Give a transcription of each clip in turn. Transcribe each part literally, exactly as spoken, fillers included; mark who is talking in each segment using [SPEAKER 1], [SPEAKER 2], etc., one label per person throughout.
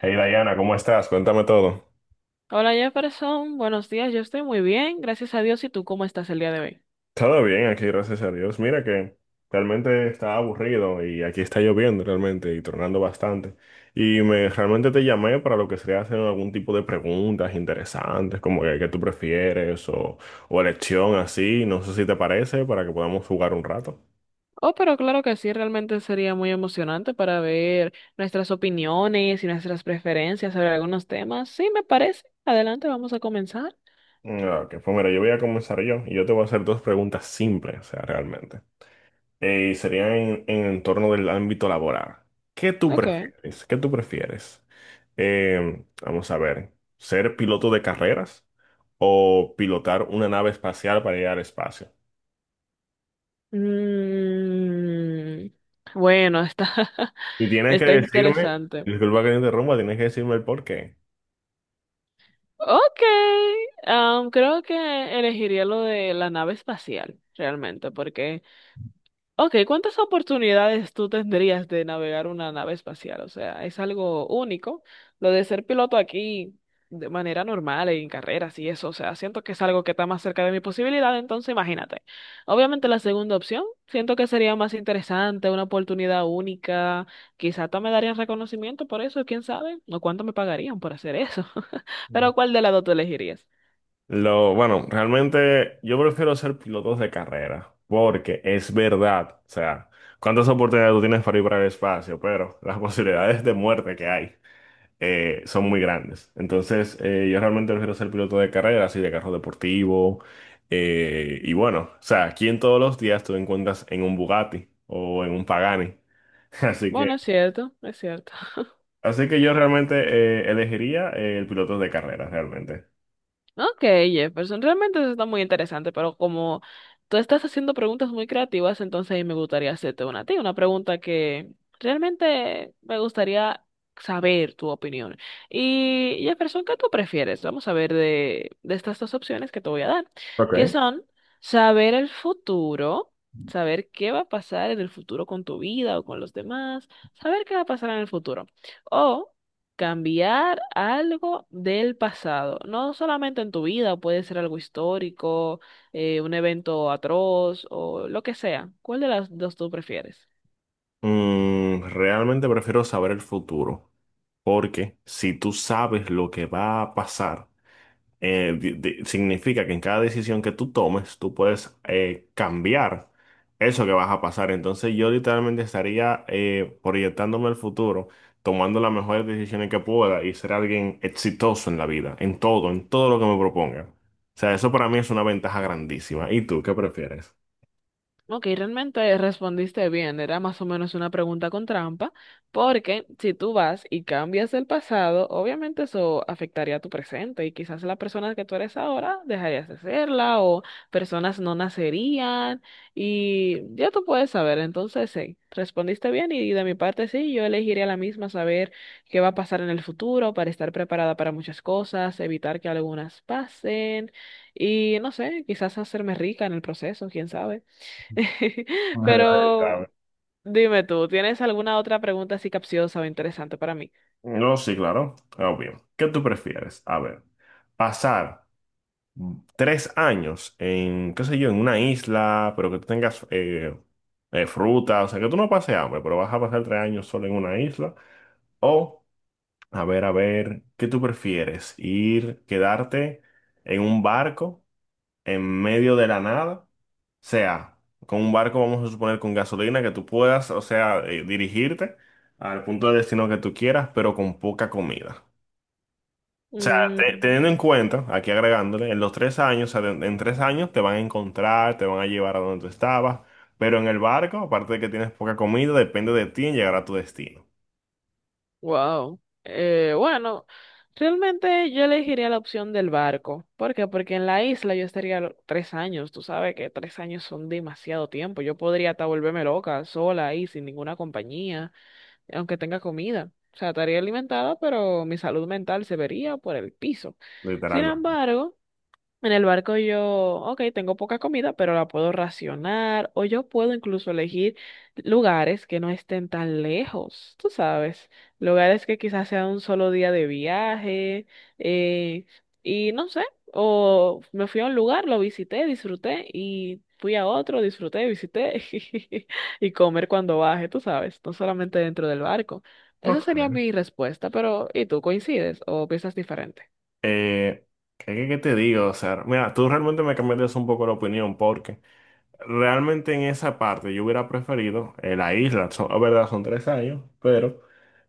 [SPEAKER 1] Hey Diana, ¿cómo estás? Cuéntame todo.
[SPEAKER 2] Hola Jefferson, buenos días, yo estoy muy bien, gracias a Dios. ¿Y tú cómo estás el día de hoy?
[SPEAKER 1] Todo bien aquí, gracias a Dios. Mira que realmente estaba aburrido y aquí está lloviendo realmente y tornando bastante. Y me realmente te llamé para lo que sería hacer algún tipo de preguntas interesantes, como que qué tú prefieres o, o elección así, no sé si te parece, para que podamos jugar un rato.
[SPEAKER 2] Oh, pero claro que sí, realmente sería muy emocionante para ver nuestras opiniones y nuestras preferencias sobre algunos temas. Sí, me parece. Adelante, vamos a comenzar.
[SPEAKER 1] Ah, ok, pues mira, yo voy a comenzar yo y yo te voy a hacer dos preguntas simples, o sea, realmente. Eh, Y serían en, en torno del ámbito laboral. ¿Qué tú
[SPEAKER 2] Ok.
[SPEAKER 1] prefieres? ¿Qué tú prefieres? Eh, vamos a ver, ¿ser piloto de carreras o pilotar una nave espacial para ir al espacio?
[SPEAKER 2] Mm, bueno, está,
[SPEAKER 1] Y tienes que
[SPEAKER 2] está
[SPEAKER 1] decirme,
[SPEAKER 2] interesante.
[SPEAKER 1] disculpa que te interrumpa, tienes que decirme el por qué.
[SPEAKER 2] Ok, am, creo que elegiría lo de la nave espacial, realmente, porque Ok, ¿cuántas oportunidades tú tendrías de navegar una nave espacial? O sea, es algo único. Lo de ser piloto aquí de manera normal, en carreras y eso, o sea, siento que es algo que está más cerca de mi posibilidad, entonces imagínate. Obviamente la segunda opción, siento que sería más interesante, una oportunidad única, quizá hasta me darían reconocimiento por eso, quién sabe, o cuánto me pagarían por hacer eso. Pero ¿cuál de las dos tú elegirías?
[SPEAKER 1] Lo, bueno, realmente yo prefiero ser pilotos de carrera, porque es verdad, o sea, cuántas oportunidades tú tienes para ir para el espacio, pero las posibilidades de muerte que hay. eh, son muy grandes. Entonces, eh, yo realmente prefiero ser piloto de carrera, así de carro deportivo. eh, y bueno, o sea, aquí en todos los días tú te encuentras en un Bugatti o en un Pagani. Así que,
[SPEAKER 2] Bueno, es cierto, es cierto.
[SPEAKER 1] así que yo realmente eh, elegiría eh, el piloto de carrera, realmente.
[SPEAKER 2] Ok, Jefferson, realmente eso está muy interesante, pero como tú estás haciendo preguntas muy creativas, entonces ahí me gustaría hacerte una a ti, una pregunta que realmente me gustaría saber tu opinión. Y Jefferson, ¿qué tú prefieres? Vamos a ver de, de estas dos opciones que te voy a dar, que
[SPEAKER 1] Ok.
[SPEAKER 2] son saber el futuro, saber qué va a pasar en el futuro con tu vida o con los demás, saber qué va a pasar en el futuro, o cambiar algo del pasado, no solamente en tu vida, puede ser algo histórico, eh, un evento atroz o lo que sea. ¿Cuál de las dos tú prefieres?
[SPEAKER 1] Mm, realmente prefiero saber el futuro, porque si tú sabes lo que va a pasar, eh, di- di- significa que en cada decisión que tú tomes, tú puedes eh, cambiar eso que vas a pasar. Entonces yo literalmente estaría eh, proyectándome al futuro, tomando las mejores decisiones que pueda y ser alguien exitoso en la vida, en todo, en todo lo que me proponga. O sea, eso para mí es una ventaja grandísima. ¿Y tú qué prefieres?
[SPEAKER 2] Ok, realmente respondiste bien. Era más o menos una pregunta con trampa, porque si tú vas y cambias el pasado, obviamente eso afectaría a tu presente y quizás la persona que tú eres ahora dejarías de serla o personas no nacerían y ya tú puedes saber. Entonces, sí, respondiste bien y de mi parte sí, yo elegiría la misma, saber qué va a pasar en el futuro para estar preparada para muchas cosas, evitar que algunas pasen y no sé, quizás hacerme rica en el proceso, quién sabe.
[SPEAKER 1] Ahí
[SPEAKER 2] Pero
[SPEAKER 1] está.
[SPEAKER 2] dime tú, ¿tienes alguna otra pregunta así capciosa o interesante para mí?
[SPEAKER 1] No, sí, claro, obvio. ¿Qué tú prefieres? A ver, pasar tres años en, qué sé yo, en una isla, pero que tú tengas eh, eh, fruta, o sea, que tú no pases hambre, pero vas a pasar tres años solo en una isla. O, a ver, a ver, ¿qué tú prefieres? ¿Ir, quedarte en un barco en medio de la nada? O sea, con un barco, vamos a suponer, con gasolina, que tú puedas, o sea, eh, dirigirte al punto de destino que tú quieras, pero con poca comida. O sea, te-
[SPEAKER 2] Mm,
[SPEAKER 1] teniendo en cuenta, aquí agregándole, en los tres años, o sea, en, en tres años te van a encontrar, te van a llevar a donde tú estabas, pero en el barco, aparte de que tienes poca comida, depende de ti en llegar a tu destino,
[SPEAKER 2] wow. Eh, bueno, realmente yo elegiría la opción del barco. ¿Por qué? Porque en la isla yo estaría lo- tres años. Tú sabes que tres años son demasiado tiempo. Yo podría hasta volverme loca, sola ahí, sin ninguna compañía, aunque tenga comida. O sea, estaría alimentada, pero mi salud mental se vería por el piso. Sin
[SPEAKER 1] literalmente.
[SPEAKER 2] embargo, en el barco yo, ok, tengo poca comida, pero la puedo racionar o yo puedo incluso elegir lugares que no estén tan lejos, tú sabes, lugares que quizás sea un solo día de viaje eh, y no sé, o me fui a un lugar, lo visité, disfruté y fui a otro, disfruté, visité y comer cuando baje, tú sabes, no solamente dentro del barco. Esa sería
[SPEAKER 1] Ok.
[SPEAKER 2] mi respuesta, pero ¿y tú coincides o piensas diferente?
[SPEAKER 1] Eh, ¿qué, qué qué te digo? O sea, mira, tú realmente me cambiaste un poco la opinión, porque realmente en esa parte yo hubiera preferido eh, la isla, son, es verdad, son tres años, pero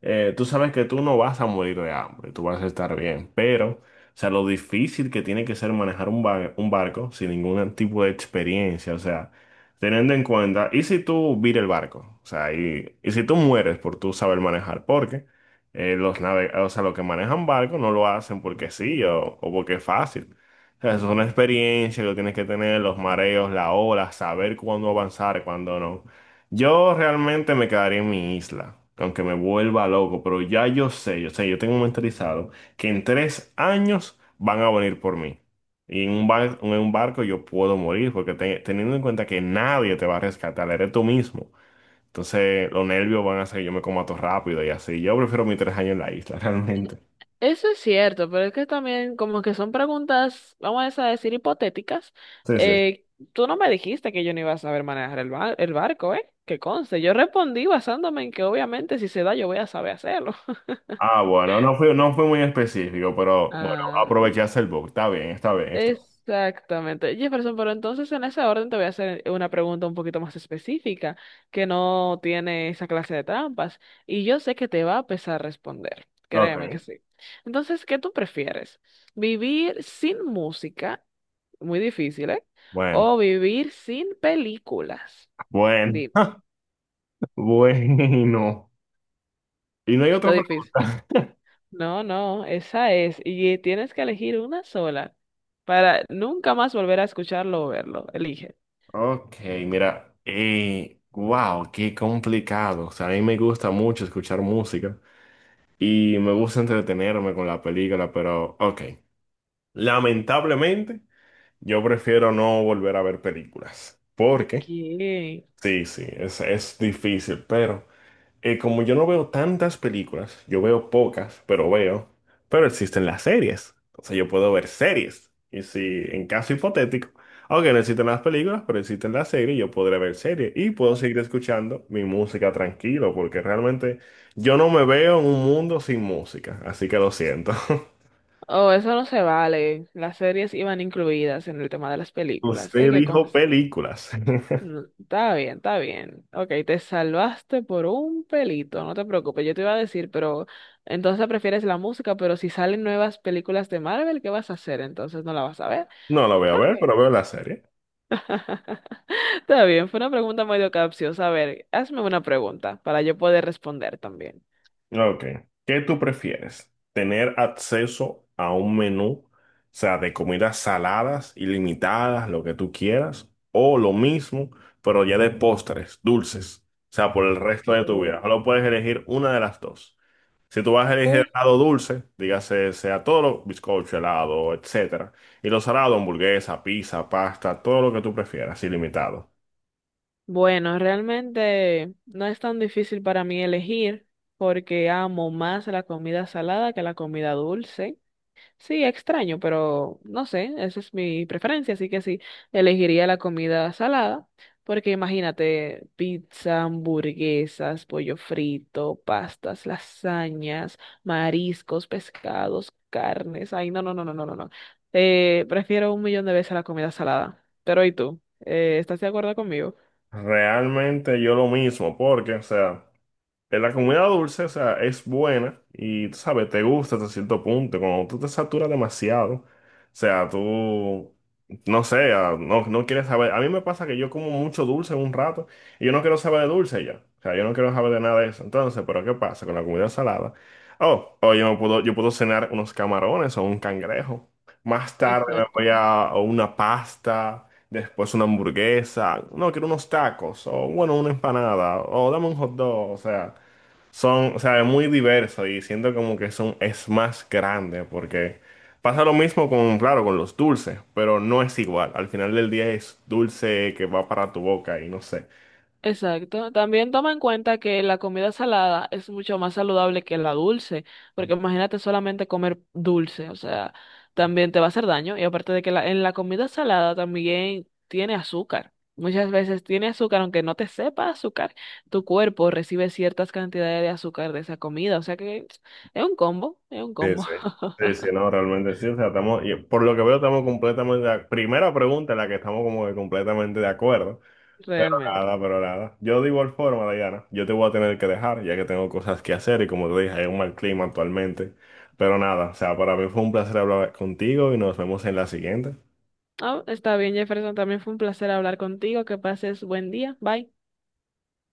[SPEAKER 1] eh, tú sabes que tú no vas a morir de hambre, tú vas a estar bien, pero, o sea, lo difícil que tiene que ser manejar un, ba- un barco sin ningún tipo de experiencia, o sea, teniendo en cuenta, ¿y si tú vira el barco? O sea, y, y si tú mueres por tú saber manejar, porque eh, los nave, o sea, los que manejan barcos no lo hacen porque sí o, o porque es fácil. O sea, eso es una experiencia que tienes que tener, los mareos, la ola, saber cuándo avanzar, cuándo no. Yo realmente me quedaría en mi isla, aunque me vuelva loco, pero ya yo sé, yo sé, yo tengo mentalizado que en tres años van a venir por mí. Y en un bar- en un barco yo puedo morir, porque te- teniendo en cuenta que nadie te va a rescatar, eres tú mismo. Entonces los nervios van a hacer que yo me coma todo rápido y así. Yo prefiero mis tres años en la isla, realmente.
[SPEAKER 2] Eso es cierto, pero es que también como que son preguntas, vamos a decir, hipotéticas.
[SPEAKER 1] Sí, sí.
[SPEAKER 2] Eh, tú no me dijiste que yo no iba a saber manejar el, ba- el barco, ¿eh? Que conste, yo respondí basándome en que obviamente si se da yo voy a saber hacerlo.
[SPEAKER 1] Ah, bueno, no fue, no fue muy específico, pero bueno,
[SPEAKER 2] Ah.
[SPEAKER 1] aprovechaste el book. Está bien, está bien, está
[SPEAKER 2] Exactamente. Jefferson, pero entonces en ese orden te voy a hacer una pregunta un poquito más específica, que no tiene esa clase de trampas, y yo sé que te va a pesar responder.
[SPEAKER 1] bien.
[SPEAKER 2] Créeme que
[SPEAKER 1] Ok.
[SPEAKER 2] sí. Entonces, ¿qué tú prefieres? ¿Vivir sin música? Muy difícil, ¿eh?
[SPEAKER 1] Bueno,
[SPEAKER 2] ¿O vivir sin películas?
[SPEAKER 1] bueno,
[SPEAKER 2] Di,
[SPEAKER 1] bueno. Y no hay
[SPEAKER 2] lo
[SPEAKER 1] otra
[SPEAKER 2] difícil.
[SPEAKER 1] pregunta.
[SPEAKER 2] No, no, esa es. Y tienes que elegir una sola para nunca más volver a escucharlo o verlo. Elige.
[SPEAKER 1] Ok, mira. Eh, wow, qué complicado. O sea, a mí me gusta mucho escuchar música y me gusta entretenerme con la película, pero ok. Lamentablemente, yo prefiero no volver a ver películas, porque
[SPEAKER 2] ¿Qué?
[SPEAKER 1] sí, sí, es, es difícil, pero. eh, como yo no veo tantas películas, yo veo pocas, pero veo, pero existen las series. Entonces yo puedo ver series. Y si en caso hipotético, aunque no existen las películas, pero existen las series, yo podré ver series y puedo seguir escuchando mi música tranquilo, porque realmente yo no me veo en un mundo sin música, así que lo siento.
[SPEAKER 2] Oh, eso no se vale. Las series iban incluidas en el tema de las películas. Eh,
[SPEAKER 1] Usted
[SPEAKER 2] que
[SPEAKER 1] dijo
[SPEAKER 2] cons-
[SPEAKER 1] películas.
[SPEAKER 2] Mm, está bien, está bien. Ok, te salvaste por un pelito, no te preocupes. Yo te iba a decir, pero entonces prefieres la música, pero si salen nuevas películas de Marvel, ¿qué vas a hacer? Entonces no la vas a ver.
[SPEAKER 1] No lo voy a
[SPEAKER 2] Pero
[SPEAKER 1] ver,
[SPEAKER 2] ok.
[SPEAKER 1] pero veo la serie.
[SPEAKER 2] Está bien, fue una pregunta medio capciosa. A ver, hazme una pregunta para yo poder responder también.
[SPEAKER 1] Ok. ¿Qué tú prefieres? ¿Tener acceso a un menú, o sea, de comidas saladas, ilimitadas, lo que tú quieras, o lo mismo, pero ya de postres, dulces, o sea, por el resto de tu vida? Solo puedes elegir una de las dos. Si tú vas a elegir
[SPEAKER 2] Ok.
[SPEAKER 1] helado dulce, dígase, sea todo lo bizcocho, helado, etcétera, y lo salado, hamburguesa, pizza, pasta, todo lo que tú prefieras, ilimitado.
[SPEAKER 2] Bueno, realmente no es tan difícil para mí elegir porque amo más la comida salada que la comida dulce. Sí, extraño, pero no sé, esa es mi preferencia, así que sí, elegiría la comida salada porque imagínate pizza, hamburguesas, pollo frito, pastas, lasañas, mariscos, pescados, carnes. Ay, no, no, no, no, no, no. no. Eh, prefiero un millón de veces la comida salada. Pero ¿y tú? Eh, ¿estás de acuerdo conmigo?
[SPEAKER 1] Realmente yo lo mismo, porque, o sea. eh, La comida dulce, o sea, es buena y, tú sabes, te gusta hasta cierto punto. Cuando tú te saturas demasiado, o sea, tú, no sé, ah, no, no quieres saber. A mí me pasa que yo como mucho dulce un rato y yo no quiero saber de dulce ya. O sea, yo no quiero saber de nada de eso. Entonces, ¿pero qué pasa con la comida salada? Oh, oh, yo me puedo, yo puedo cenar unos camarones o un cangrejo. Más tarde me voy
[SPEAKER 2] Exacto,
[SPEAKER 1] a, a una pasta, después una hamburguesa. No, quiero unos tacos o, bueno, una empanada o dame un hot dog, o sea. Son, o sea, es muy diverso y siento como que son, es más grande porque pasa lo mismo con, claro, con los dulces, pero no es igual. Al final del día es dulce que va para tu boca y no sé.
[SPEAKER 2] exacto. También toma en cuenta que la comida salada es mucho más saludable que la dulce, porque imagínate solamente comer dulce, o sea, también te va a hacer daño. Y aparte de que la- en la comida salada también tiene azúcar. Muchas veces tiene azúcar, aunque no te sepa azúcar, tu cuerpo recibe ciertas cantidades de azúcar de esa comida, o sea que es un combo, es un
[SPEAKER 1] Sí,
[SPEAKER 2] combo,
[SPEAKER 1] sí. Sí, sí, no, realmente sí. O sea, estamos, y por lo que veo, estamos completamente, de ac- primera pregunta en la que estamos como que completamente de acuerdo. Pero
[SPEAKER 2] realmente.
[SPEAKER 1] nada, pero nada. Yo de igual forma, Dayana, yo te voy a tener que dejar, ya que tengo cosas que hacer y como te dije, hay un mal clima actualmente. Pero nada, o sea, para mí fue un placer hablar contigo y nos vemos en la siguiente.
[SPEAKER 2] Ah, está bien, Jefferson, también fue un placer hablar contigo, que pases buen día, bye.